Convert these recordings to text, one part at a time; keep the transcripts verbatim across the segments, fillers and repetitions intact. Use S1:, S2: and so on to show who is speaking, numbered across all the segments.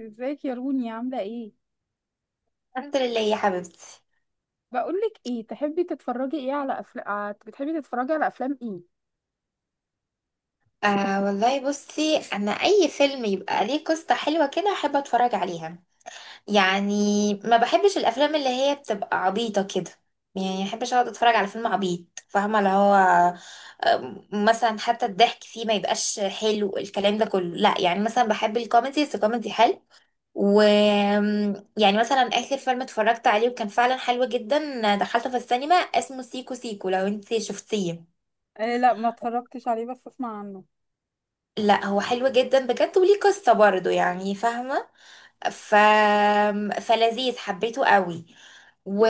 S1: ازيك يا روني؟ عاملة ايه؟
S2: الحمد لله يا حبيبتي.
S1: بقولك ايه، تحبي تتفرجي ايه؟ على افلام بتحبي تتفرجي على افلام ايه؟
S2: آه والله، بصي انا اي فيلم يبقى ليه قصة حلوة كده احب اتفرج عليها يعني. ما بحبش الافلام اللي هي بتبقى عبيطة كده، يعني ما بحبش اقعد اتفرج على فيلم عبيط، فاهمة؟ اللي هو آه، مثلا حتى الضحك فيه ما يبقاش حلو، الكلام ده كله لا، يعني مثلا بحب الكوميدي بس كوميدي حلو. و يعني مثلا اخر فيلم اتفرجت عليه وكان فعلا حلو جدا، دخلته في السينما، اسمه سيكو سيكو، لو انت شفتيه.
S1: آه لا، ما اتفرجتش عليه، بس اسمع عنه.
S2: لا هو حلو جدا بجد، وليه قصة برضه يعني، فاهمة؟ ف... فلذيذ، حبيته قوي. و...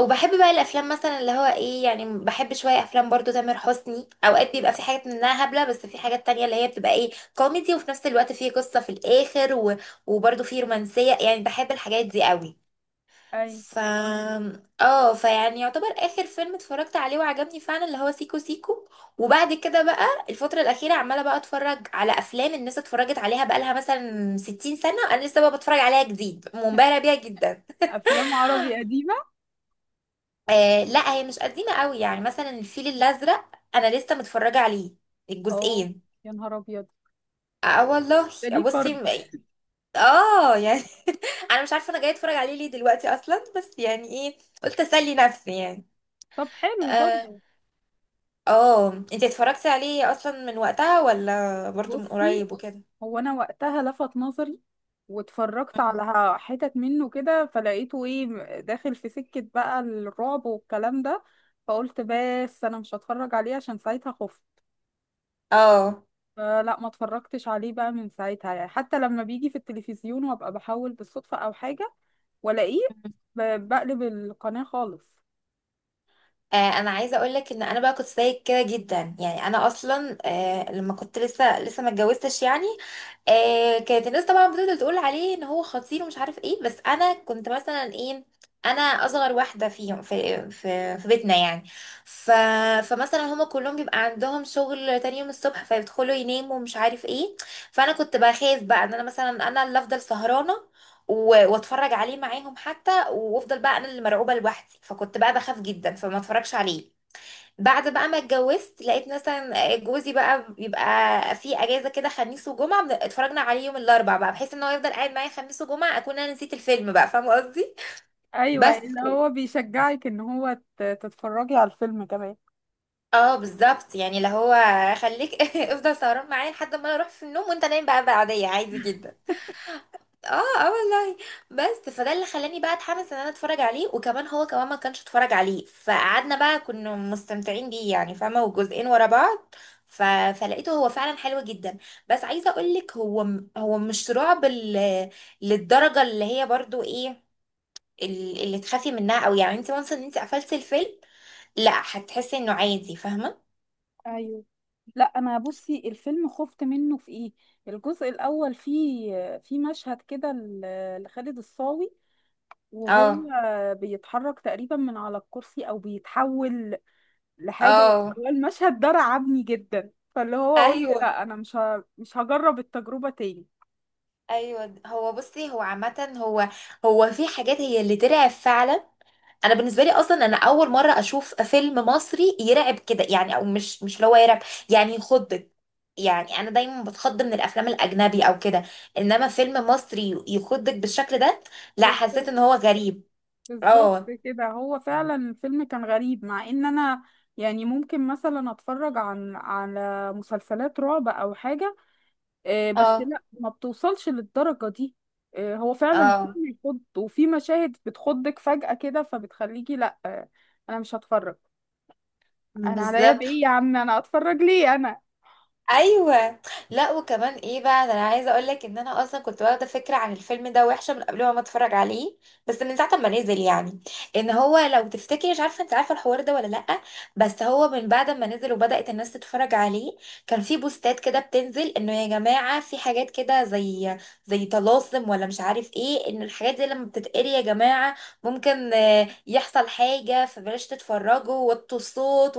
S2: وبحب بقى الافلام مثلا اللي هو ايه، يعني بحب شوية افلام برضو تامر حسني، اوقات بيبقى في حاجات منها هبلة بس في حاجات تانية اللي هي بتبقى ايه، كوميدي وفي نفس الوقت فيه قصة في الاخر، و... وبرضو فيه رومانسية، يعني بحب الحاجات دي قوي.
S1: اي.
S2: ف اه فيعني يعتبر اخر فيلم اتفرجت عليه وعجبني فعلا اللي هو سيكو سيكو. وبعد كده بقى الفترة الأخيرة عمالة بقى اتفرج على أفلام الناس اتفرجت عليها بقالها مثلا ستين سنة، أنا لسه بقى بتفرج عليها جديد، منبهرة بيها جدا.
S1: افلام عربي قديمة.
S2: آه لا، هي مش قديمة قوي، يعني مثلا الفيل الأزرق أنا لسه متفرجة عليه
S1: اه.
S2: الجزئين.
S1: يا نهار ابيض،
S2: اه والله.
S1: ده ليه
S2: بصي
S1: قرن.
S2: م- اه يعني، انا مش عارفه انا جايه اتفرج عليه ليه دلوقتي اصلا، بس يعني ايه، قلت اسلي نفسي يعني.
S1: طب حلو
S2: آه،
S1: برضه.
S2: اه انت اتفرجتي عليه اصلا من وقتها ولا برضو من
S1: بصي،
S2: قريب وكده؟
S1: هو انا وقتها لفت نظري واتفرجت
S2: مم.
S1: على حتت منه كده، فلقيته ايه، داخل في سكة بقى الرعب والكلام ده، فقلت بس انا مش هتفرج عليه عشان ساعتها خفت.
S2: اه.
S1: فلا، ما اتفرجتش عليه بقى من ساعتها، يعني حتى لما بيجي في التلفزيون وابقى بحاول بالصدفة او حاجة والاقيه، ب- بقلب القناة خالص.
S2: آه، انا عايزه اقول لك ان انا بقى كنت زيك كده جدا، يعني انا اصلا آه، لما كنت لسه لسه ما اتجوزتش يعني، آه، كانت الناس طبعا بتفضل تقول عليه ان هو خطير ومش عارف ايه، بس انا كنت مثلا ايه، انا اصغر واحده فيهم في في في بيتنا يعني. ف فمثلا هما كلهم بيبقى عندهم شغل تاني يوم الصبح فيدخلوا يناموا ومش عارف ايه، فانا كنت بخاف بقى ان انا مثلا انا اللي افضل سهرانه و- واتفرج عليه معاهم حتى، وافضل بقى انا اللي مرعوبه لوحدي، فكنت بقى بخاف جدا فما اتفرجش عليه. بعد بقى ما اتجوزت لقيت مثلا جوزي بقى بيبقى في اجازه كده خميس وجمعه، بن- اتفرجنا عليه يوم الاربع بقى، بحيث ان هو يفضل قاعد معايا خميس وجمعه اكون انا نسيت الفيلم بقى، فاهمه قصدي؟
S1: ايوه
S2: بس.
S1: اللي هو بيشجعك ان هو ت- تتفرجي على الفيلم كمان.
S2: اه بالظبط، يعني اللي هو خليك افضل سهران معايا لحد ما انا اروح في النوم، وانت نايم بقى بعديه عادي جدا. اه اه والله. بس فده اللي خلاني بقى اتحمس ان انا اتفرج عليه، وكمان هو كمان ما كانش اتفرج عليه، فقعدنا بقى كنا مستمتعين بيه يعني، فاهمه؟ وجزئين ورا بعض. ف... فلقيته هو فعلا حلو جدا. بس عايزه اقول لك هو م- هو مش رعب ال... للدرجه اللي هي برضو ايه، ال- اللي تخافي منها او يعني انت وانس ان انت قفلتي الفيلم، لا هتحسي انه عادي فاهمه.
S1: ايوه، لا انا بصي الفيلم خفت منه في ايه، الجزء الاول فيه، في مشهد كده ل- لخالد الصاوي، وهو
S2: اه.
S1: بيتحرك تقريبا من على الكرسي او بيتحول لحاجه،
S2: اه
S1: هو المشهد ده رعبني جدا، فاللي هو قلت
S2: ايوه.
S1: لا انا مش ه... مش هجرب التجربه تاني.
S2: ايوه هو بصي هو عامه هو، هو في حاجات هي اللي ترعب فعلا. انا بالنسبه لي اصلا انا اول مره اشوف فيلم مصري يرعب كده، يعني او مش مش اللي هو يرعب، يعني يخضك، يعني انا دايما بتخض من الافلام الاجنبي او كده، انما فيلم مصري يخضك بالشكل ده، لا
S1: بالظبط،
S2: حسيت ان هو غريب.
S1: بالظبط
S2: اه.
S1: كده، هو فعلا الفيلم كان غريب، مع ان انا يعني ممكن مثلا اتفرج عن على مسلسلات رعب او حاجه، آه، بس
S2: اه
S1: لا ما بتوصلش للدرجة دي. آه، هو فعلا
S2: اه
S1: الفيلم يخض، وفي مشاهد بتخضك فجأة كده، فبتخليكي لا آه، انا مش هتفرج. انا عليا بايه
S2: بالظبط.
S1: يا عم، انا اتفرج ليه انا؟
S2: ايوه. لا وكمان ايه بقى ده، انا عايزه اقول لك ان انا اصلا كنت واخده فكره عن الفيلم ده وحشه من قبل ما اتفرج عليه، بس من ساعه ما نزل يعني، ان هو لو تفتكري، مش عارفه انت عارفه الحوار ده ولا لا، بس هو من بعد ما نزل وبدات الناس تتفرج عليه كان في بوستات كده بتنزل انه يا جماعه في حاجات كده زي زي طلاسم ولا مش عارف ايه، ان الحاجات دي لما بتتقري يا جماعه ممكن آه، يحصل حاجه فبلاش تتفرجوا وطوا الصوت.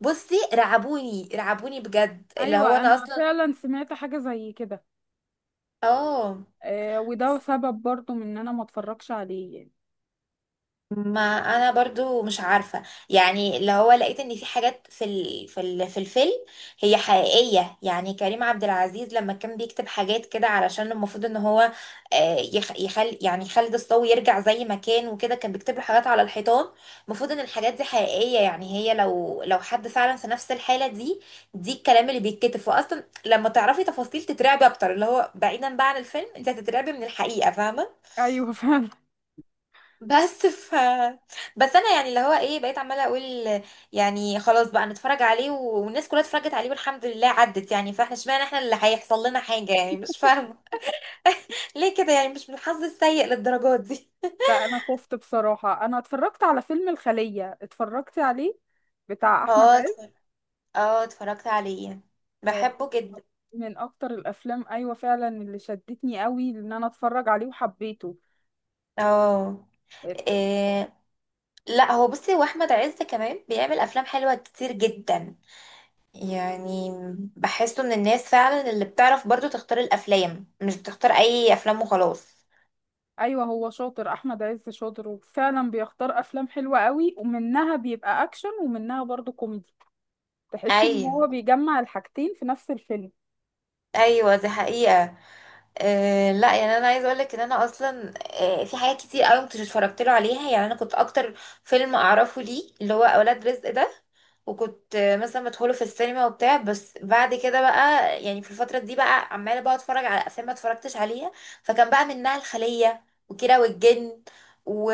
S2: بصي رعبوني رعبوني بجد اللي هو
S1: ايوه انا
S2: انا اصلا.
S1: فعلا سمعت حاجة زي كده،
S2: اه.
S1: آه، وده سبب برضو من ان انا ما اتفرجش عليه يعني.
S2: ما انا برضو مش عارفه، يعني اللي هو لقيت ان في حاجات في ال... في ال... في الفيلم هي حقيقيه، يعني كريم عبد العزيز لما كان بيكتب حاجات كده علشان المفروض ان هو آه، يخ... يخل يعني خالد الصاوي يرجع زي ما كان، وكده كان بيكتب له حاجات على الحيطان، المفروض ان الحاجات دي حقيقيه، يعني هي لو لو حد فعلا في نفس الحاله دي، دي الكلام اللي بيتكتب، فاصلا لما تعرفي تفاصيل تترعبي اكتر، اللي هو بعيدا بقى عن الفيلم انت هتترعبي من الحقيقه فاهمه.
S1: ايوه فعلا.
S2: بس ف بس انا يعني اللي هو ايه بقيت عماله اقول، يعني خلاص بقى نتفرج عليه، و- والناس كلها اتفرجت عليه والحمد لله عدت يعني، فاحنا اشمعنى احنا اللي هيحصل لنا حاجه يعني؟ مش فاهمه ليه كده يعني؟ مش من الحظ السيء للدرجات دي.
S1: لا انا خفت بصراحة، انا اتفرجت على فيلم الخلية، اتفرجت عليه، بتاع احمد
S2: اه
S1: عز.
S2: اتفر- اه اتفرجت عليه،
S1: آه،
S2: بحبه جدا.
S1: من اكتر الافلام، ايوه فعلا اللي شدتني قوي ان انا اتفرج عليه وحبيته.
S2: اه
S1: آه،
S2: إيه... لا هو بصي هو احمد عز كمان بيعمل افلام حلوه كتير جدا، يعني بحسه من الناس فعلا اللي بتعرف برضو تختار الافلام، مش بتختار اي افلام وخلاص.
S1: ايوه هو شاطر، احمد عز شاطر، وفعلا بيختار افلام حلوه قوي، ومنها بيبقى اكشن ومنها برضو كوميدي. تحسي ان هو
S2: ايوه.
S1: بيجمع الحاجتين في نفس الفيلم.
S2: ايوه دي حقيقة. أه لا يعني انا عايزه اقول لك ان انا اصلا أه في حاجات كتير قوي كنت اتفرجت له عليها، يعني انا كنت اكتر فيلم اعرفه ليه اللي هو اولاد رزق ده، وكنت آه، مثلا مدخله في السينما وبتاع، بس بعد كده بقى يعني في الفتره دي بقى عماله بقى اتفرج على افلام ما اتفرجتش عليها، فكان بقى منها الخليه وكيرة والجن و...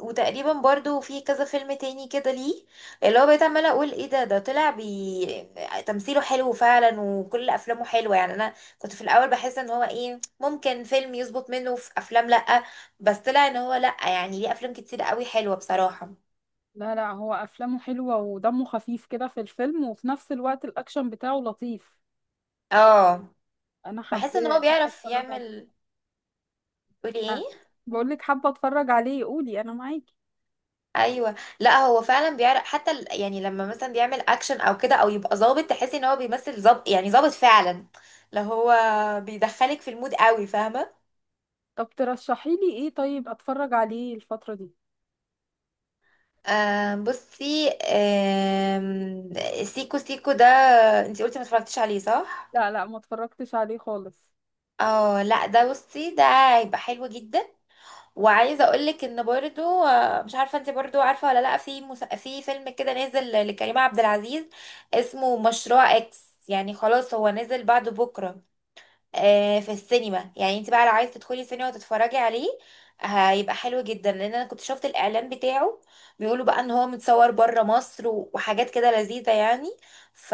S2: وتقريبا برضو في كذا فيلم تاني كده ليه اللي هو بقيت عماله اقول ايه ده، ده طلع بي... تمثيله حلو فعلا وكل افلامه حلوه، يعني انا كنت في الاول بحس ان هو ايه ممكن فيلم يظبط منه في افلام لأ، بس طلع ان هو لأ، يعني ليه افلام كتير قوي حلوة بصراحة.
S1: لا لا، هو افلامه حلوه ودمه خفيف كده في الفيلم، وفي نفس الوقت الاكشن بتاعه لطيف.
S2: اه.
S1: انا حابه،
S2: بحس ان هو
S1: حابه
S2: بيعرف
S1: اتفرج عليه.
S2: يعمل. قولي
S1: آه.
S2: ايه.
S1: بقول لك حابه اتفرج عليه، قولي انا معاكي.
S2: ايوه لا هو فعلا بيعرف حتى ال- يعني لما مثلا بيعمل اكشن او كده، او يبقى ظابط تحسي ان هو بيمثل ظابط يعني ظابط فعلا، لو هو بيدخلك في المود قوي فاهمه.
S1: طب ترشحي لي ايه طيب اتفرج عليه الفتره دي؟
S2: آه بصي آم، سيكو سيكو ده، انتي قلتي ما اتفرجتيش عليه صح؟
S1: لا لا، ما اتفرجتش عليه خالص.
S2: اه لا ده بصي ده هيبقى حلو جدا. وعايزه اقول لك ان برضو آه، مش عارفه انت برضو عارفه ولا لا، في مس... في فيلم كده نازل لكريم عبد العزيز اسمه مشروع اكس، يعني خلاص هو نازل بعد بكره آه، في السينما، يعني انت بقى لو عايزه تدخلي السينما وتتفرجي عليه هيبقى حلو جدا، لان انا كنت شفت الاعلان بتاعه بيقولوا بقى ان هو متصور بره مصر و- وحاجات كده لذيذه يعني. ف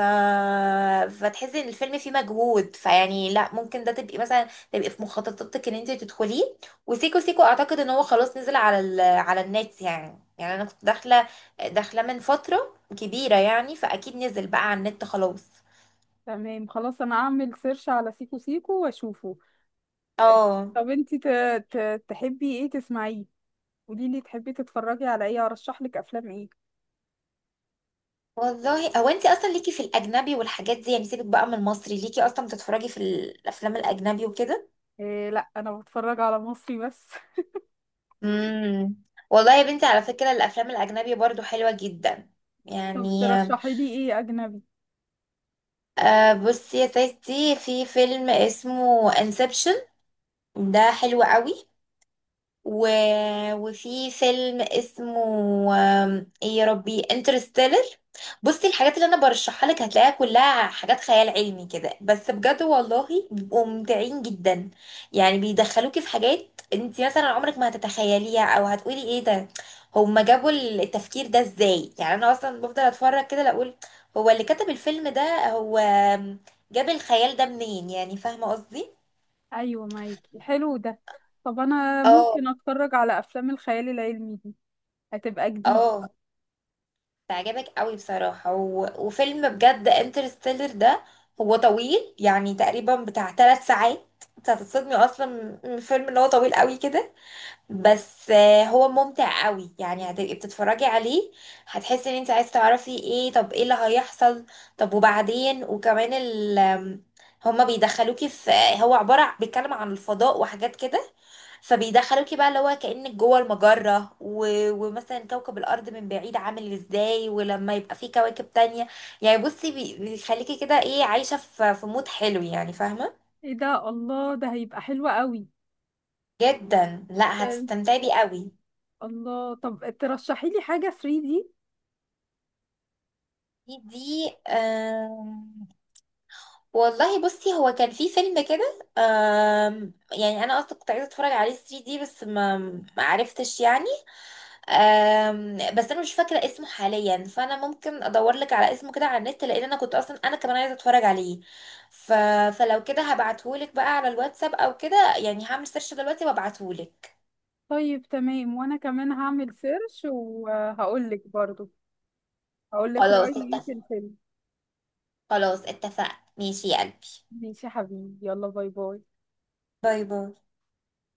S2: فتحسي ان الفيلم فيه مجهود، فيعني لا ممكن ده تبقي مثلا تبقي في مخططاتك ان انت تدخليه. وسيكو سيكو اعتقد ان هو خلاص نزل على ال... على النت يعني، يعني انا كنت داخله داخله من فتره كبيره يعني، فاكيد نزل بقى على النت خلاص.
S1: تمام، خلاص انا اعمل سيرش على سيكو سيكو واشوفه.
S2: اه
S1: طب انتي ت... ت... تحبي ايه تسمعيه؟ قولي لي تحبي تتفرجي على ايه، ارشح لك افلام ايه؟
S2: والله. هو انت اصلا ليكي في الاجنبي والحاجات دي، يعني سيبك بقى من المصري ليكي اصلا بتتفرجي في الافلام الاجنبي وكده.
S1: إيه، لا انا بتفرج على مصري بس.
S2: امم والله يا بنتي على فكره الافلام الاجنبي برضو حلوه جدا
S1: طب
S2: يعني.
S1: ترشحي لي ايه اجنبي؟
S2: آه بصي يا ستي، في فيلم اسمه انسبشن ده حلو قوي، و... وفي فيلم اسمه آم، ايه يا ربي انترستيلر. بصي الحاجات اللي انا برشحها لك هتلاقيها كلها حاجات خيال علمي كده بس بجد والله بيبقوا ممتعين جدا، يعني بيدخلوكي في حاجات انت مثلا عمرك ما هتتخيليها، او هتقولي ايه ده، هما جابوا التفكير ده ازاي؟ يعني انا اصلا بفضل اتفرج كده لا اقول هو اللي كتب الفيلم ده هو جاب الخيال ده منين يعني، فاهمه قصدي؟
S1: ايوه معاكي، حلو ده. طب انا
S2: اه.
S1: ممكن اتفرج على افلام الخيال العلمي دي؟ هتبقى جديد.
S2: اه تعجبك قوي بصراحة، و... وفيلم بجد انترستيلر ده هو طويل، يعني تقريبا بتاع ثلاث ساعات، انت هتتصدمي اصلا من الفيلم ان هو طويل قوي كده. بس آه، هو ممتع قوي، يعني هتبقي بتتفرجي عليه هتحسي ان انت عايز تعرفي ايه، طب ايه اللي هيحصل، طب وبعدين، وكمان ال آم، هما بيدخلوكي في، هو عبارة بيتكلم عن الفضاء وحاجات كده، فبيدخلوكي بقى اللي هو كأنك جوه المجرة و... ومثلا كوكب الأرض من بعيد عامل ازاي، ولما يبقى فيه كواكب تانية، يعني بصي بي- بيخليكي كده ايه عايشة في في مود حلو يعني فاهمة.
S1: ايه ده، الله، ده هيبقى حلو قوي.
S2: جدا لا
S1: ده-
S2: هتستمتعي بيه قوي.
S1: الله، طب ترشحي لي حاجة ثري دي.
S2: دي دي والله بصي هو كان في فيلم كده آم، يعني انا اصلا كنت عايزه اتفرج عليه ثري دي، بس ما ما عرفتش يعني آم، بس انا مش فاكره اسمه حاليا، فانا ممكن ادور لك على اسمه كده على النت، لان انا كنت اصلا انا كمان عايزه اتفرج عليه، ف... فلو كده هبعتهولك بقى على الواتساب او كده يعني، هعمل سيرش دلوقتي وابعتهولك.
S1: طيب تمام، وانا كمان هعمل سيرش وهقول لك برضو، هقول لك
S2: خلاص
S1: رأيي ايه في
S2: اتفق.
S1: الفيلم.
S2: خلاص اتفقنا، ماشي يا قلبي.
S1: ماشي يا حبيبي، يلا باي باي.
S2: باي باي.